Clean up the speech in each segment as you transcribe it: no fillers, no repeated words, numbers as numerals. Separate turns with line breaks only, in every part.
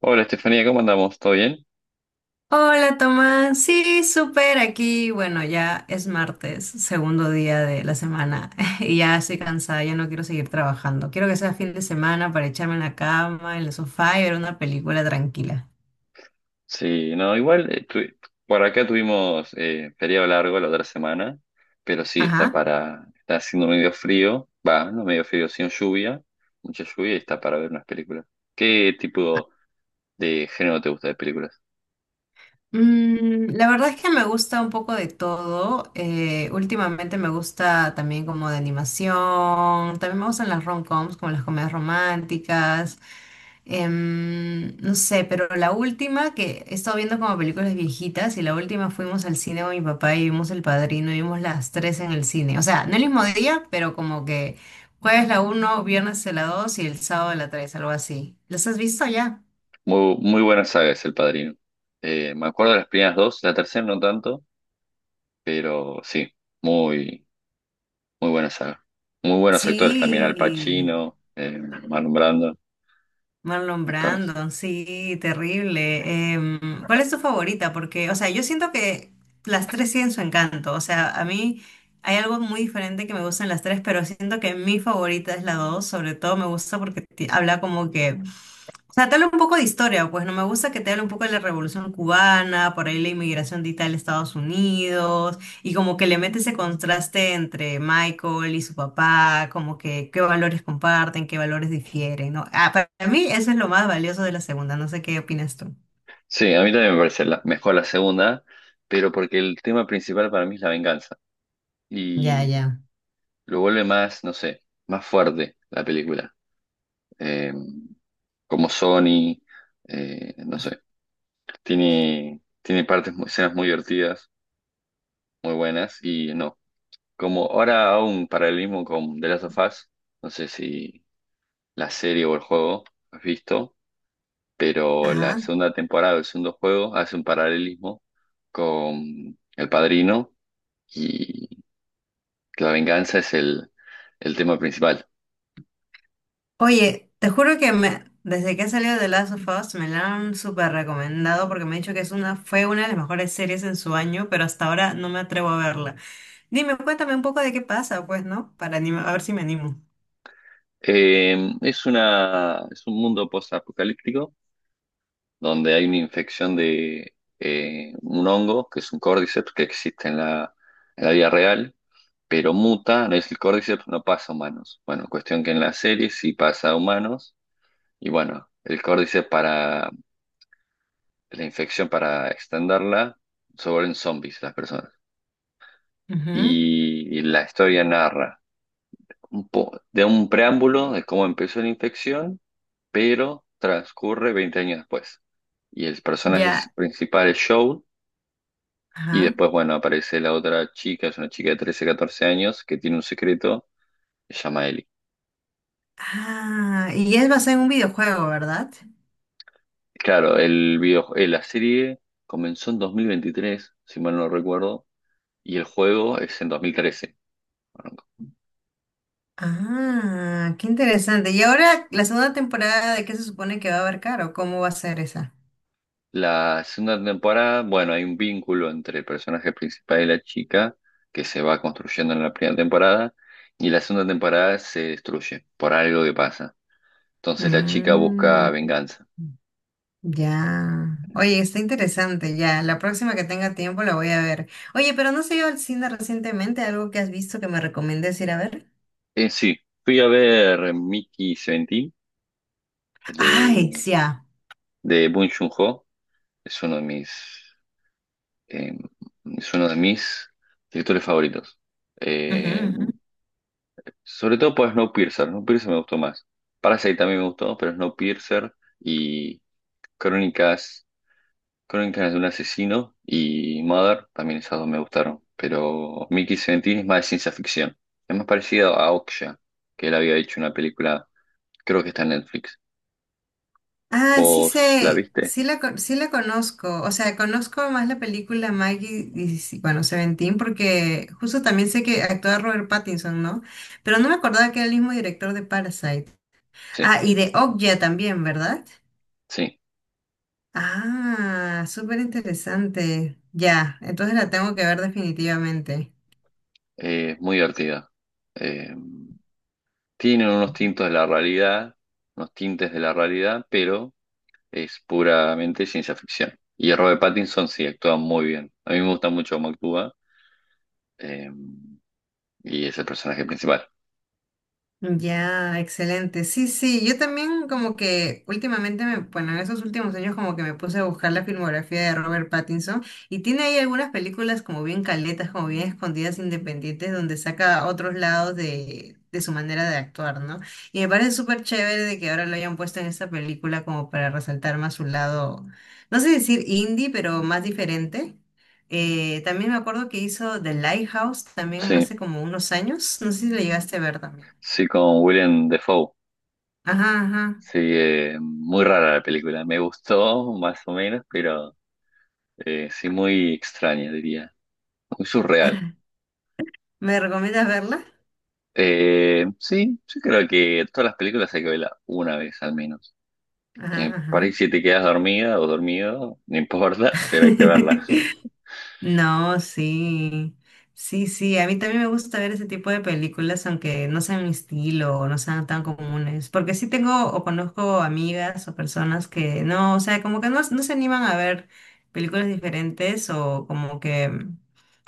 Hola Estefanía, ¿cómo andamos? ¿Todo bien?
Hola Tomás, sí, súper aquí. Bueno, ya es martes, segundo día de la semana y ya estoy cansada, ya no quiero seguir trabajando. Quiero que sea fin de semana para echarme en la cama, en el sofá y ver una película tranquila.
Sí, no, igual por acá tuvimos feriado largo la otra semana, pero sí,
Ajá.
está haciendo medio frío, va, no medio frío, sino lluvia, mucha lluvia y está para ver unas películas. ¿Qué tipo de género te gusta de películas?
Mm, la verdad es que me gusta un poco de todo. Últimamente me gusta también como de animación. También me gustan las rom-coms, como las comedias románticas. No sé, pero la última que he estado viendo como películas viejitas y la última fuimos al cine con mi papá y vimos El Padrino y vimos las tres en el cine. O sea, no el mismo día, pero como que jueves la uno, viernes la dos y el sábado la tres, algo así. ¿Las has visto ya?
Muy buena saga es El Padrino. Me acuerdo de las primeras dos, la tercera no tanto, pero sí, muy, muy buena saga. Muy buenos actores también, Al
Sí.
Pacino, Marlon Brando,
Marlon
actores.
Brandon, sí, terrible. ¿Cuál es tu favorita? Porque, o sea, yo siento que las tres tienen su encanto. O sea, a mí hay algo muy diferente que me gustan las tres, pero siento que mi favorita es la dos. Sobre todo me gusta porque habla como que, o sea, te habla un poco de historia, pues no me gusta que te hable un poco de la Revolución Cubana, por ahí la inmigración de Italia a Estados Unidos. Y como que le mete ese contraste entre Michael y su papá, como que qué valores comparten, qué valores difieren, ¿no? Ah, para mí eso es lo más valioso de la segunda, no sé qué opinas tú.
Sí, a mí también me parece mejor la segunda, pero porque el tema principal para mí es la venganza
Ya,
y
ya.
lo vuelve más, no sé, más fuerte la película. Eh, Como Sony, no sé, tiene partes, escenas muy divertidas, muy buenas y no. Como ahora hago un paralelismo con The Last of Us, no sé si la serie o el juego has visto, pero la
Ajá.
segunda temporada del segundo juego hace un paralelismo con El Padrino y que la venganza es el tema principal.
Oye, te juro que me, desde que ha salido The Last of Us me la han súper recomendado porque me han dicho que es una, fue una de las mejores series en su año, pero hasta ahora no me atrevo a verla. Dime, cuéntame un poco de qué pasa, pues, ¿no? Para a ver si me animo.
Es un mundo post-apocalíptico donde hay una infección de un hongo, que es un córdiceps, que existe en la vida real, pero muta, no es el córdiceps, no pasa a humanos. Bueno, cuestión que en la serie sí pasa a humanos, y bueno, el córdiceps para la infección, para extenderla, se vuelven zombies las personas.
Ujú.
Y la historia narra de un preámbulo de cómo empezó la infección, pero transcurre 20 años después. Y el
Ya.
principal es Joel, y
Ajá.
después, bueno, aparece la otra chica, es una chica de 13, 14 años, que tiene un secreto, se llama Ellie.
Ah, ¿y es basado en un videojuego, verdad?
Claro, la serie comenzó en 2023, si mal no recuerdo, y el juego es en 2013.
Ah, qué interesante. Y ahora, la segunda temporada, ¿de qué se supone que va a abarcar o cómo va a ser esa?
La segunda temporada, bueno, hay un vínculo entre el personaje principal y la chica que se va construyendo en la primera temporada y la segunda temporada se destruye por algo que pasa. Entonces la chica
Mm,
busca venganza.
ya. Oye, está interesante, ya. La próxima que tenga tiempo la voy a ver. Oye, pero ¿no se ido al cine recientemente? ¿Algo que has visto que me recomiendes ir a ver?
En sí, fui a ver Mickey 17 de,
Ay, sí.
de Bong Joon-ho. Es uno de mis, eh, es uno de mis directores favoritos. Eh,
Ya.
Sobre todo por Snowpiercer. Snowpiercer me gustó más. Parasite también me gustó, pero Snowpiercer y Crónicas, Crónicas de un asesino y Mother, también esas dos me gustaron, pero Mickey Seventeen es más de ciencia ficción. Es más parecido a Okja, que él había hecho una película, creo que está en Netflix.
Ah, sí
¿Vos la
sé,
viste?
sí la, sí la conozco. O sea, conozco más la película Maggie, y, sí, bueno, Seventeen, porque justo también sé que actúa Robert Pattinson, ¿no? Pero no me acordaba que era el mismo director de Parasite.
Sí,
Ah, ¿y de Okja también, verdad?
sí,
Ah, súper interesante. Ya, entonces la tengo que ver definitivamente.
muy divertida. Eh, tienen unos tintos de la realidad, Unos tintes de la realidad, pero es puramente ciencia ficción. Y Robert Pattinson sí actúa muy bien. A mí me gusta mucho cómo actúa, eh, y es el personaje principal.
Ya, excelente. Sí, sí, yo también como que últimamente, me, bueno, en esos últimos años como que me puse a buscar la filmografía de Robert Pattinson y tiene ahí algunas películas como bien caletas, como bien escondidas, independientes, donde saca otros lados de su manera de actuar, ¿no? Y me parece súper chévere de que ahora lo hayan puesto en esta película como para resaltar más su lado, no sé decir indie, pero más diferente. También me acuerdo que hizo The Lighthouse también
Sí,
hace como unos años, no sé si le llegaste a ver también.
sí, con William Defoe.
Ajá, ajá.
Sí, muy rara la película. Me gustó más o menos, pero sí muy extraña, diría. Muy surreal.
¿Me recomiendas verla?
Sí, yo creo que todas las películas hay que verlas una vez al menos.
Ajá,
Por ahí
ajá.
si te quedas dormida o dormido, no importa, pero hay que verla.
No, sí. Sí, sí. A mí también me gusta ver ese tipo de películas, aunque no sean mi estilo o no sean tan comunes. Porque sí tengo o conozco amigas o personas que no, o sea, como que no, no se animan a ver películas diferentes o como que.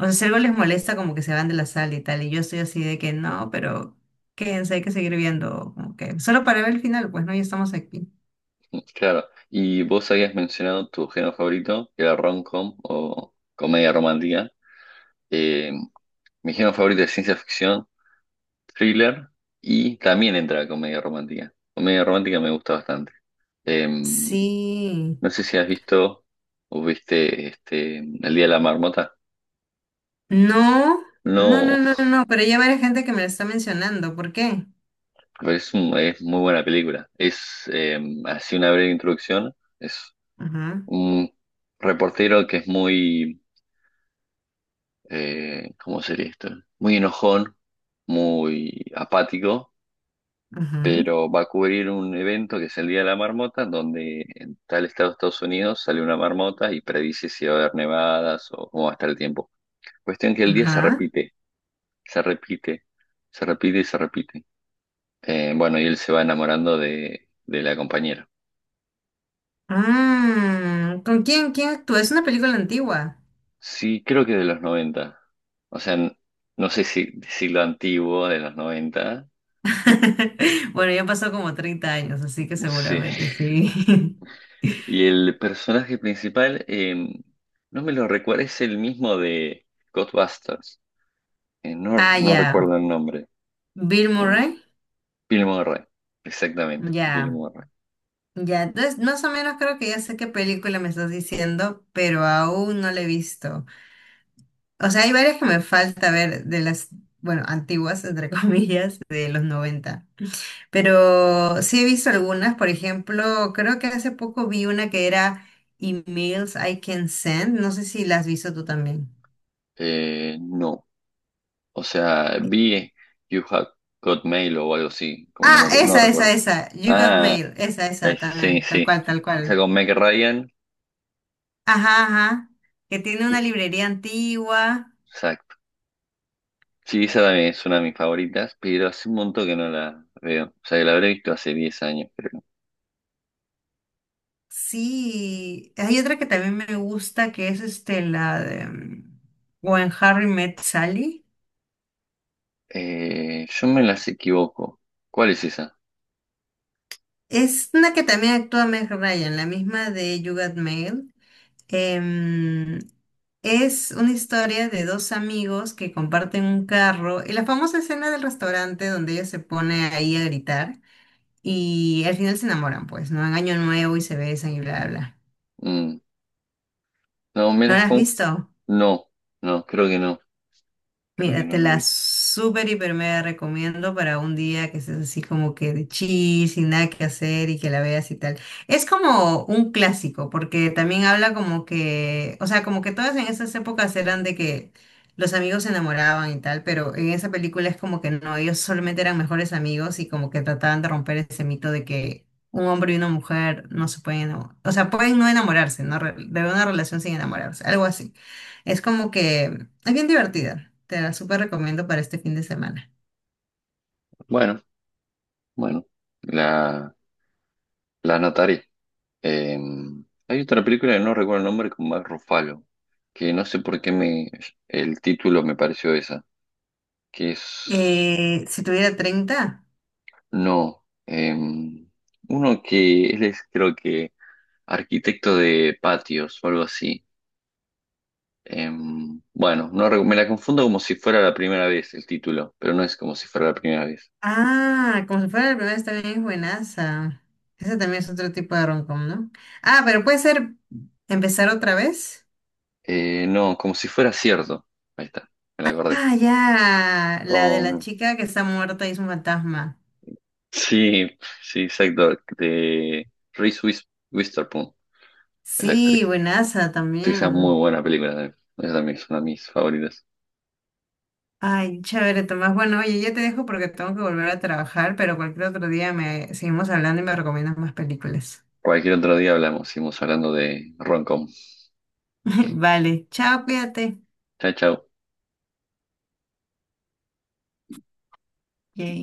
O sea, si algo les molesta, como que se van de la sala y tal. Y yo estoy así de que no, pero quédense, hay que seguir viendo. Como que solo para ver el final, pues no, ya estamos aquí.
Claro. Y vos habías mencionado tu género favorito, que era rom-com o comedia romántica. Eh, Mi género favorito es ciencia ficción, thriller y también entra la comedia romántica. Comedia romántica me gusta bastante.
Sí.
No sé si has visto o viste este, El Día de la Marmota.
No, no, no,
No,
no, no, no, pero ya varias gente que me lo está mencionando. ¿Por qué?
pero es muy buena película. Es Así una breve introducción. Es
Ajá,
un reportero que es muy, ¿cómo sería esto? Muy enojón, muy apático,
ajá,
pero va a cubrir un evento que es el Día de la Marmota, donde en tal estado de Estados Unidos sale una marmota y predice si va a haber nevadas o cómo va a estar el tiempo. Cuestión que el día
ajá.
se repite, se repite y se repite. Bueno, y él se va enamorando de la compañera.
Mm, ¿con quién, quién actúa? Es una película antigua.
Sí, creo que de los noventa. O sea, no sé si de siglo antiguo, de los 90.
Bueno, ya pasó como 30 años, así que
Sí.
seguramente sí.
Y el personaje principal, no me lo recuerdo, es el mismo de Ghostbusters.
Ah,
No
ya.
recuerdo el nombre.
Bill
eh,
Murray.
Bill Murray, exactamente, Bill
Ya.
Murray.
Ya. Entonces, más o menos creo que ya sé qué película me estás diciendo, pero aún no la he visto. O sea, hay varias que me falta ver de las, bueno, antiguas, entre comillas, de los 90. Pero sí he visto algunas, por ejemplo, creo que hace poco vi una que era Emails I Can Send. No sé si la has visto tú también.
No, o sea, vi You Have Got Mail o algo así, como no me
Ah,
acu- no
esa, esa,
recuerdo.
esa. You Got
Ah,
Mail. Esa
esa, sí,
también. Tal
sí.
cual, tal
Esa
cual.
con Meg Ryan,
Ajá, ajá. Que tiene una
sí,
librería antigua.
exacto. Sí, esa también es una de mis favoritas, pero hace un montón que no la veo. O sea, que la habré visto hace 10 años, creo.
Sí. Hay otra que también me gusta, que es este, la de When Harry Met Sally.
Yo me las equivoco. ¿Cuál es esa?
Es una que también actúa Meg Ryan, la misma de You Got Mail. Em, es una historia de dos amigos que comparten un carro y la famosa escena del restaurante donde ella se pone ahí a gritar y al final se enamoran, pues, ¿no? En Año Nuevo y se besan y bla, bla, bla.
Mm, no,
¿No la has visto?
no, no, creo que no. Creo que
Mira,
no
te
la
la
vi.
súper hiper mega recomiendo para un día que estés así como que de chill, sin nada que hacer y que la veas y tal. Es como un clásico, porque también habla como que, o sea, como que todas en esas épocas eran de que los amigos se enamoraban y tal, pero en esa película es como que no, ellos solamente eran mejores amigos y como que trataban de romper ese mito de que un hombre y una mujer no se pueden enamorar, o sea, pueden no enamorarse, ¿no? De una relación sin enamorarse, algo así. Es como que es bien divertida. Te la súper recomiendo para este fin de semana.
Bueno, bueno, la, la anotaré. Eh, Hay otra película que no recuerdo el nombre con Mark Ruffalo, que no sé por qué me, el título me pareció esa, que es,
Si tuviera 30,
no, uno que él es creo que arquitecto de patios o algo así. Eh, bueno, no, re- me la confundo como si fuera la primera vez el título, pero no es como si fuera la primera vez.
ah, como si fuera la primera, está bien buenaza. Ese también es otro tipo de romcom, ¿no? Ah, pero puede ser empezar otra vez.
No, como si fuera cierto. Ahí está, me la acordé.
Ah, ya. La de la
Con
chica que está muerta y es un fantasma.
Sí, sí, exacto. De Witherspoon es la actriz.
Sí, buenaza
Sí, esa es muy
también.
buena película también. Esa también es una de mis favoritas.
Ay, chévere, Tomás. Bueno, oye, ya te dejo porque tengo que volver a trabajar, pero cualquier otro día me seguimos hablando y me recomiendas más películas.
Cualquier otro día hablamos, seguimos hablando de Roncom.
Vale, chao, cuídate.
Chao, chao.
Yay.